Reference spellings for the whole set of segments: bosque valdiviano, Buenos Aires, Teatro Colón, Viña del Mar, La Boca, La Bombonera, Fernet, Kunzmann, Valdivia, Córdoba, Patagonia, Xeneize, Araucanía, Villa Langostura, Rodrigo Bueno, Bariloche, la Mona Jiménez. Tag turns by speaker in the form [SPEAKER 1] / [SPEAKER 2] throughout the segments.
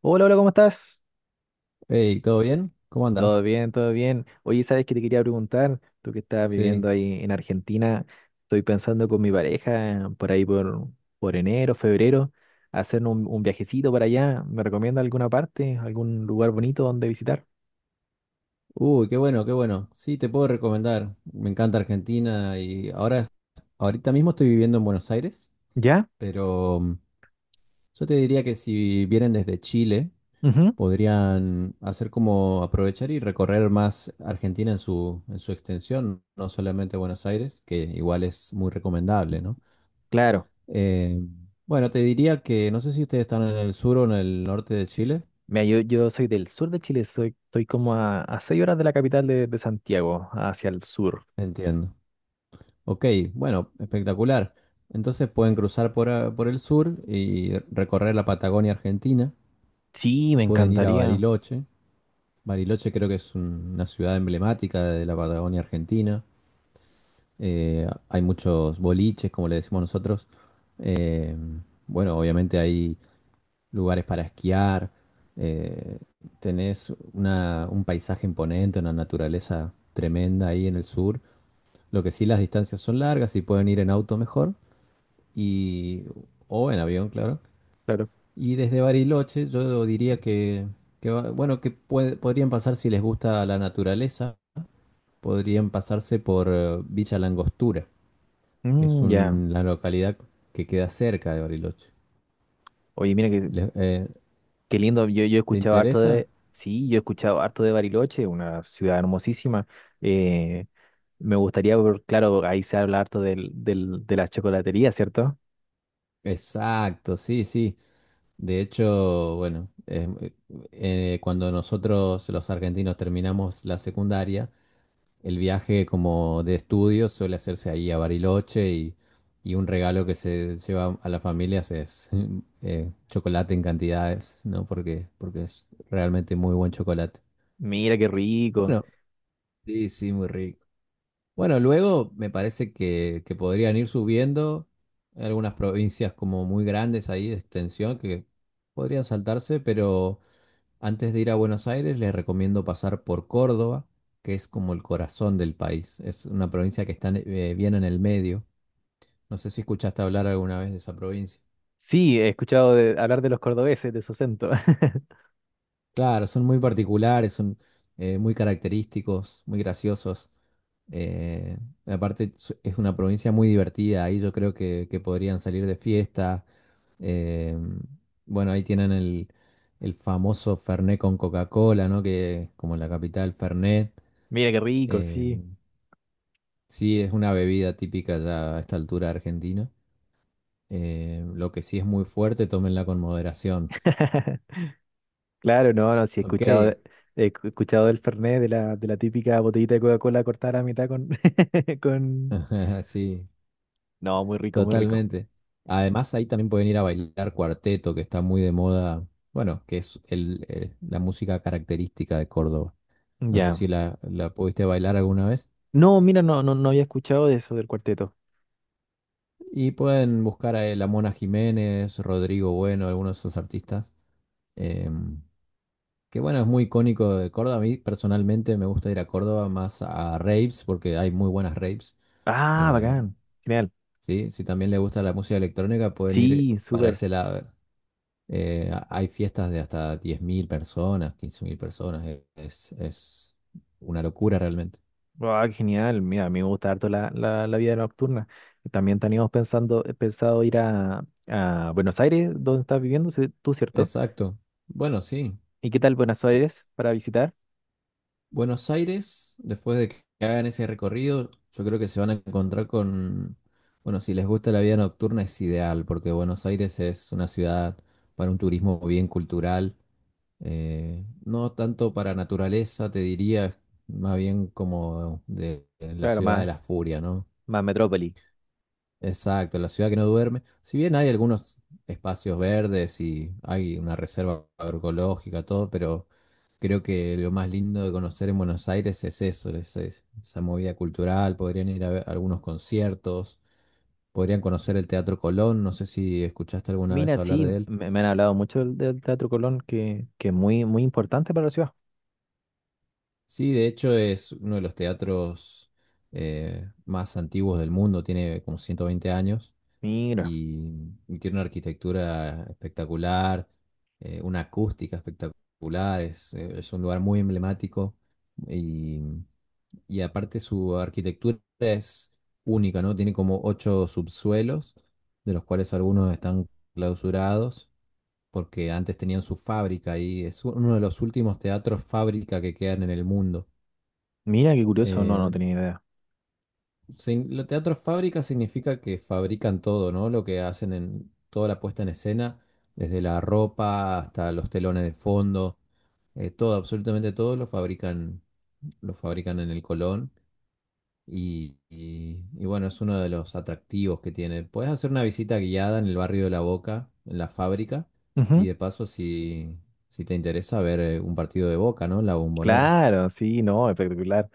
[SPEAKER 1] Hola, hola, ¿cómo estás?
[SPEAKER 2] Hey, ¿todo bien? ¿Cómo
[SPEAKER 1] Todo
[SPEAKER 2] andás?
[SPEAKER 1] bien, todo bien. Oye, ¿sabes qué te quería preguntar? Tú que estás
[SPEAKER 2] Sí.
[SPEAKER 1] viviendo ahí en Argentina, estoy pensando con mi pareja por enero, febrero, hacer un viajecito para allá. ¿Me recomienda alguna parte, algún lugar bonito donde visitar?
[SPEAKER 2] Uy, qué bueno, qué bueno. Sí, te puedo recomendar. Me encanta Argentina y ahorita mismo estoy viviendo en Buenos Aires,
[SPEAKER 1] ¿Ya?
[SPEAKER 2] pero yo te diría que si vienen desde Chile,
[SPEAKER 1] Ujú.
[SPEAKER 2] podrían hacer como aprovechar y recorrer más Argentina en su extensión, no solamente Buenos Aires, que igual es muy recomendable, ¿no?
[SPEAKER 1] Claro.
[SPEAKER 2] Eh, bueno, te diría que no sé si ustedes están en el sur o en el norte de Chile.
[SPEAKER 1] Mira, yo soy del sur de Chile, soy, estoy como a 6 horas de la capital de Santiago, hacia el sur.
[SPEAKER 2] Entiendo. Ok, bueno, espectacular. Entonces pueden cruzar por, por el sur y recorrer la Patagonia Argentina.
[SPEAKER 1] Sí, me
[SPEAKER 2] Pueden ir a
[SPEAKER 1] encantaría.
[SPEAKER 2] Bariloche. Bariloche creo que es una ciudad emblemática de la Patagonia Argentina. Hay muchos boliches, como le decimos nosotros. Eh, bueno, obviamente hay lugares para esquiar. Eh, Tenés un paisaje imponente, una naturaleza tremenda ahí en el sur. Lo que sí, las distancias son largas y pueden ir en auto mejor y o en avión, claro.
[SPEAKER 1] Claro.
[SPEAKER 2] Y desde Bariloche yo diría que bueno, podrían pasar si les gusta la naturaleza, podrían pasarse por Villa Langostura, que es
[SPEAKER 1] Mm, ya.
[SPEAKER 2] un- la localidad que queda cerca de Bariloche.
[SPEAKER 1] Oye, mira que
[SPEAKER 2] Le- eh,
[SPEAKER 1] qué lindo, yo he
[SPEAKER 2] ¿Te
[SPEAKER 1] escuchado harto
[SPEAKER 2] interesa?
[SPEAKER 1] de, sí, yo he escuchado harto de Bariloche, una ciudad hermosísima. Eh, Me gustaría, claro, ahí se habla harto de la chocolatería, ¿cierto?
[SPEAKER 2] Exacto, sí, sí. De hecho, bueno, cuando nosotros los argentinos terminamos la secundaria, el viaje como de estudios suele hacerse ahí a Bariloche, y un regalo que se lleva a las familias es chocolate en cantidades, ¿no? Porque es realmente muy buen chocolate.
[SPEAKER 1] Mira qué rico.
[SPEAKER 2] Bueno, sí, sí, muy rico. Bueno, luego me parece que podrían ir subiendo. Hay algunas provincias como muy grandes ahí de extensión que podrían saltarse, Antes de ir a Buenos Aires, les recomiendo pasar por Córdoba, que es como el corazón del país. Es una provincia que está bien en el medio. No sé si escuchaste hablar alguna vez de esa provincia.
[SPEAKER 1] Sí, he escuchado hablar de los cordobeses, de su acento.
[SPEAKER 2] Claro, son muy particulares, son muy característicos, muy graciosos. Eh, Aparte, es una provincia muy divertida. Ahí yo creo que podrían salir de fiesta. Eh, bueno, ahí tienen el famoso Fernet con Coca-Cola, ¿no? Que es como la capital, Fernet.
[SPEAKER 1] Mira qué rico,
[SPEAKER 2] Eh,
[SPEAKER 1] sí.
[SPEAKER 2] Sí, es una bebida típica ya a esta altura de Argentina. Lo que sí es muy fuerte, tómenla con moderación.
[SPEAKER 1] Claro, no, no, sí he
[SPEAKER 2] Ok,
[SPEAKER 1] escuchado, he escuchado del Fernet, de la típica botellita de Coca-Cola cortada a la mitad con, con...
[SPEAKER 2] sí,
[SPEAKER 1] No, muy rico, muy rico.
[SPEAKER 2] totalmente. Además, ahí también pueden ir a bailar cuarteto, que está muy de moda, bueno, que es el, la música característica de Córdoba. No sé
[SPEAKER 1] Ya.
[SPEAKER 2] si la, la pudiste bailar alguna vez.
[SPEAKER 1] No, mira, no, no, no había escuchado de eso del cuarteto.
[SPEAKER 2] Y pueden buscar a la Mona Jiménez, Rodrigo Bueno, algunos de esos artistas. em, Que bueno, es muy icónico de Córdoba. A mí personalmente me gusta ir a Córdoba más a raves porque hay muy buenas raves.
[SPEAKER 1] Ah,
[SPEAKER 2] Eh,
[SPEAKER 1] bacán. Genial.
[SPEAKER 2] sí, si también le gusta la música electrónica, pueden ir
[SPEAKER 1] Sí,
[SPEAKER 2] para
[SPEAKER 1] súper.
[SPEAKER 2] ese lado. Hay fiestas de hasta 10.000 personas, 15.000 personas. Es una locura realmente.
[SPEAKER 1] Ah, genial. Mira, a mí me gusta harto la vida nocturna. También teníamos pensando, pensado ir a Buenos Aires, donde estás viviendo sí, tú, ¿cierto?
[SPEAKER 2] Exacto. Bueno, sí.
[SPEAKER 1] ¿Y qué tal Buenos Aires para visitar?
[SPEAKER 2] Buenos Aires, después de que hagan ese recorrido, yo creo que se van a encontrar con, bueno, si les gusta la vida nocturna es ideal, porque Buenos Aires es una ciudad para un turismo bien cultural, no tanto para naturaleza, te diría, más bien como de la
[SPEAKER 1] Claro,
[SPEAKER 2] ciudad de la furia, ¿no?
[SPEAKER 1] más metrópoli.
[SPEAKER 2] Exacto, la ciudad que no duerme. Si bien hay algunos espacios verdes y hay una reserva agroecológica, todo, pero creo que lo más lindo de conocer en Buenos Aires es eso, es esa movida cultural. Podrían ir a ver algunos conciertos, podrían conocer el Teatro Colón. No sé si escuchaste alguna
[SPEAKER 1] Mira,
[SPEAKER 2] vez hablar
[SPEAKER 1] sí,
[SPEAKER 2] de él.
[SPEAKER 1] me han hablado mucho del Teatro Colón, que es muy, muy importante para la ciudad.
[SPEAKER 2] Sí, de hecho es uno de los teatros más antiguos del mundo, tiene como 120 años.
[SPEAKER 1] Mira,
[SPEAKER 2] Y y tiene una arquitectura espectacular, una acústica espectacular, es un lugar muy emblemático, y, y aparte su arquitectura es única, ¿no? Tiene como ocho subsuelos, de los cuales algunos están clausurados porque antes tenían su fábrica y es uno de los últimos teatros fábrica que quedan en el mundo.
[SPEAKER 1] mira, qué curioso, no, no
[SPEAKER 2] Eh,
[SPEAKER 1] tenía idea.
[SPEAKER 2] Sí, lo teatro fábrica significa que fabrican todo, ¿no? Lo que hacen en toda la puesta en escena, desde la ropa hasta los telones de fondo, todo, absolutamente todo lo fabrican en el Colón. Y bueno, es uno de los atractivos que tiene. Puedes hacer una visita guiada en el barrio de La Boca, en la fábrica, y
[SPEAKER 1] Ujú.
[SPEAKER 2] de paso, si te interesa, ver un partido de Boca, ¿no? En La Bombonera.
[SPEAKER 1] Claro, sí, no, espectacular.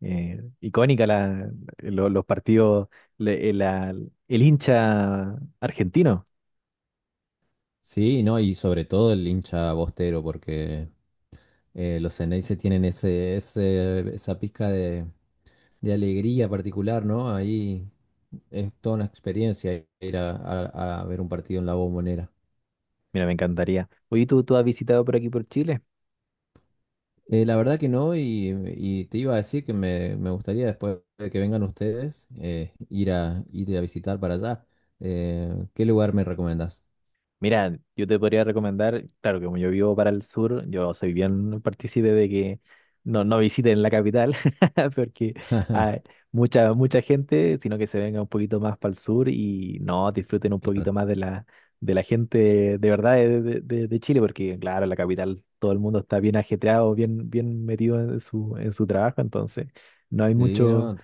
[SPEAKER 1] Icónica la, los partidos, le- la- el hincha argentino.
[SPEAKER 2] Sí, no, y sobre todo el hincha bostero, porque los Xeneize tienen ese, esa pizca de alegría particular, ¿no? Ahí es toda una experiencia ir a ver un partido en la Bombonera.
[SPEAKER 1] Mira, me encantaría. Oye, ¿tú has visitado por aquí por Chile?
[SPEAKER 2] La verdad que no, y te iba a decir que me gustaría después de que vengan ustedes ir a, ir a visitar para allá. ¿Qué lugar me recomendás?
[SPEAKER 1] Mira, yo te podría recomendar, claro, que como yo vivo para el sur, yo soy bien partícipe de que no, no visiten la capital, porque hay mucha gente, sino que se venga un poquito más para el sur y no disfruten un
[SPEAKER 2] Claro.
[SPEAKER 1] poquito más de la gente de verdad de Chile, porque claro, en la capital todo el mundo está bien ajetreado, bien, bien metido en su trabajo, entonces no hay
[SPEAKER 2] Sí,
[SPEAKER 1] mucho,
[SPEAKER 2] no.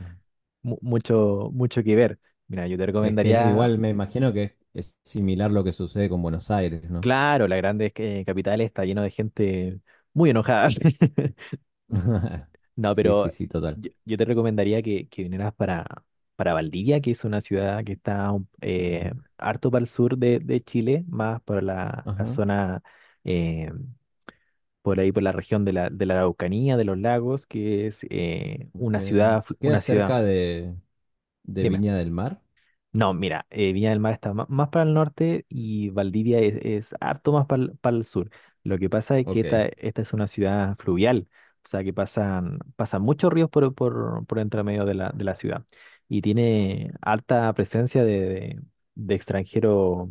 [SPEAKER 1] mucho que ver. Mira, yo te
[SPEAKER 2] Es que es
[SPEAKER 1] recomendaría
[SPEAKER 2] igual, me imagino que es similar lo que sucede con Buenos Aires, ¿no?
[SPEAKER 1] claro, la grande capital está lleno de gente muy enojada. No,
[SPEAKER 2] Sí, sí,
[SPEAKER 1] pero
[SPEAKER 2] sí, total.
[SPEAKER 1] yo te recomendaría que vinieras para Valdivia, que es una ciudad que está
[SPEAKER 2] Ujú.
[SPEAKER 1] harto para el sur de Chile, más por la
[SPEAKER 2] Ajá,
[SPEAKER 1] zona, eh, por ahí, por la región de de la Araucanía, de los lagos, que es
[SPEAKER 2] ok.
[SPEAKER 1] una ciudad,
[SPEAKER 2] ¿Queda
[SPEAKER 1] una ciudad.
[SPEAKER 2] cerca de
[SPEAKER 1] Dime.
[SPEAKER 2] Viña del Mar?
[SPEAKER 1] No, mira, Viña del Mar está más, para el norte y Valdivia es harto más para el sur. Lo que pasa es que
[SPEAKER 2] Ok.
[SPEAKER 1] esta es una ciudad fluvial, o sea que pasan, pasan muchos ríos por entre medio de la ciudad y tiene alta presencia de, de extranjeros,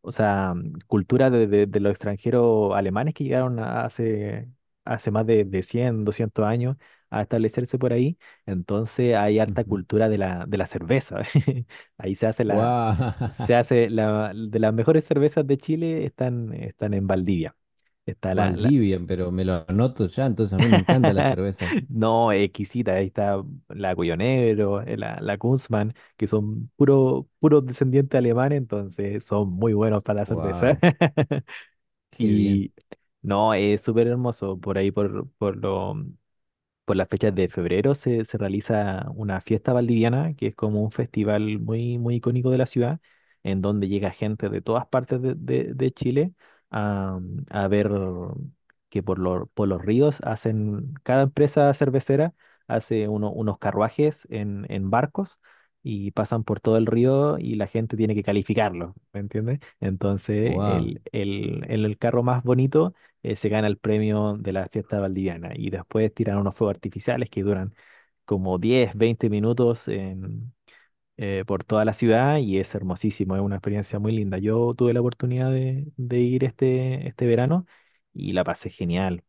[SPEAKER 1] o sea, cultura de los extranjeros alemanes que llegaron hace, hace más de 100 200 años a establecerse por ahí. Entonces hay harta
[SPEAKER 2] Ujú.
[SPEAKER 1] cultura de la cerveza. Ahí
[SPEAKER 2] Guau,
[SPEAKER 1] se hace la, de las mejores cervezas de Chile están, están en Valdivia. Está la, la-
[SPEAKER 2] Valdivia, pero me lo anoto ya, entonces a mí me encanta la cerveza.
[SPEAKER 1] No, exquisita, ahí está la Cuyo la, la Kunzmann, que son puro, puros descendientes alemanes, entonces son muy buenos para la cerveza.
[SPEAKER 2] Wow, qué bien.
[SPEAKER 1] Y no, es súper hermoso por ahí, por las fechas de febrero se, se realiza una fiesta valdiviana, que es como un festival muy, muy icónico de la ciudad, en donde llega gente de todas partes de Chile a, a ver que por los ríos hacen, cada empresa cervecera hace unos carruajes en barcos, y pasan por todo el río y la gente tiene que calificarlo, ¿me entiendes? Entonces,
[SPEAKER 2] Wow.
[SPEAKER 1] el carro más bonito se gana el premio de la fiesta valdiviana. Y después tiran unos fuegos artificiales que duran como 10 20 minutos por toda la ciudad y es hermosísimo, es una experiencia muy linda. Yo tuve la oportunidad de ir este verano y la pasé genial.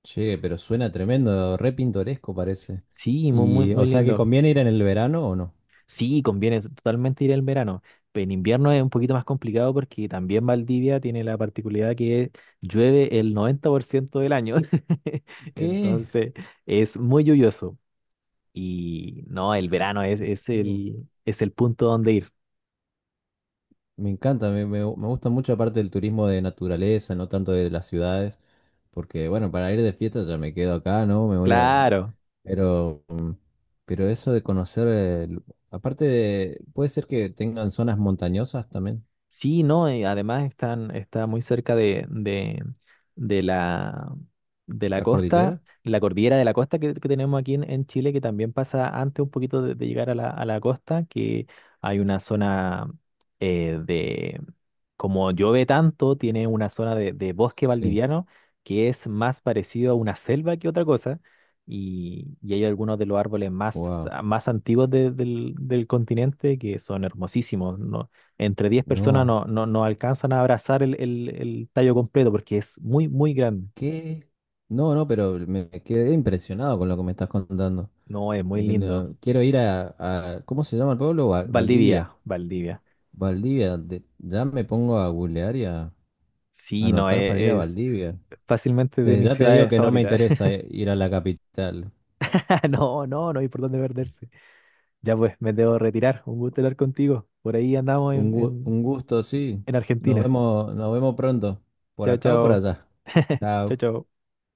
[SPEAKER 2] Che, pero suena tremendo, re pintoresco parece.
[SPEAKER 1] Sí, muy, muy,
[SPEAKER 2] Y, ¿o
[SPEAKER 1] muy
[SPEAKER 2] sea que
[SPEAKER 1] lindo.
[SPEAKER 2] conviene ir en el verano o no?
[SPEAKER 1] Sí, conviene totalmente ir en verano, pero en invierno es un poquito más complicado porque también Valdivia tiene la particularidad que llueve el 90% del año.
[SPEAKER 2] ¿Qué?
[SPEAKER 1] Entonces, es muy lluvioso. Y no, el verano es el punto donde ir.
[SPEAKER 2] Me encanta, me gusta mucho aparte del turismo de naturaleza, no tanto de las ciudades, porque bueno, para ir de fiesta ya me quedo acá, ¿no? Me voy a...
[SPEAKER 1] Claro.
[SPEAKER 2] Pero, mm, pero eso de conocer, aparte de, puede ser que tengan zonas montañosas también,
[SPEAKER 1] Sí, no, y además están, está muy cerca de la, de la
[SPEAKER 2] la
[SPEAKER 1] costa,
[SPEAKER 2] cordillera.
[SPEAKER 1] la cordillera de la costa que tenemos aquí en Chile, que también pasa antes un poquito de llegar a la costa, que hay una zona eh, de, como llueve tanto, tiene una zona de bosque
[SPEAKER 2] Sí,
[SPEAKER 1] valdiviano que es más parecido a una selva que otra cosa, y hay algunos de los árboles más,
[SPEAKER 2] wow,
[SPEAKER 1] más antiguos del, del continente que son hermosísimos. ¿No? Entre 10 personas
[SPEAKER 2] no,
[SPEAKER 1] no, no, no alcanzan a abrazar el, el tallo completo porque es muy, muy grande.
[SPEAKER 2] ¿qué? No, no, pero me quedé impresionado con lo que me estás contando.
[SPEAKER 1] No, es muy
[SPEAKER 2] Porque
[SPEAKER 1] lindo.
[SPEAKER 2] quiero ir ¿cómo se llama el pueblo?
[SPEAKER 1] Valdivia,
[SPEAKER 2] Valdivia.
[SPEAKER 1] Valdivia.
[SPEAKER 2] Valdivia, ya me pongo a googlear.
[SPEAKER 1] Sí, no,
[SPEAKER 2] Anotar para ir a
[SPEAKER 1] es
[SPEAKER 2] Valdivia.
[SPEAKER 1] fácilmente de
[SPEAKER 2] Desde
[SPEAKER 1] mis
[SPEAKER 2] ya te digo
[SPEAKER 1] ciudades
[SPEAKER 2] que no me
[SPEAKER 1] favoritas.
[SPEAKER 2] interesa ir a la capital.
[SPEAKER 1] No, no, no hay por dónde perderse. Ya pues, me debo retirar. Un gusto hablar contigo. Por ahí andamos
[SPEAKER 2] Un gu- un gusto, sí.
[SPEAKER 1] en Argentina.
[SPEAKER 2] Nos vemos pronto. ¿Por
[SPEAKER 1] Chao,
[SPEAKER 2] acá o por
[SPEAKER 1] chao.
[SPEAKER 2] allá?
[SPEAKER 1] Chao,
[SPEAKER 2] Chao.
[SPEAKER 1] chao.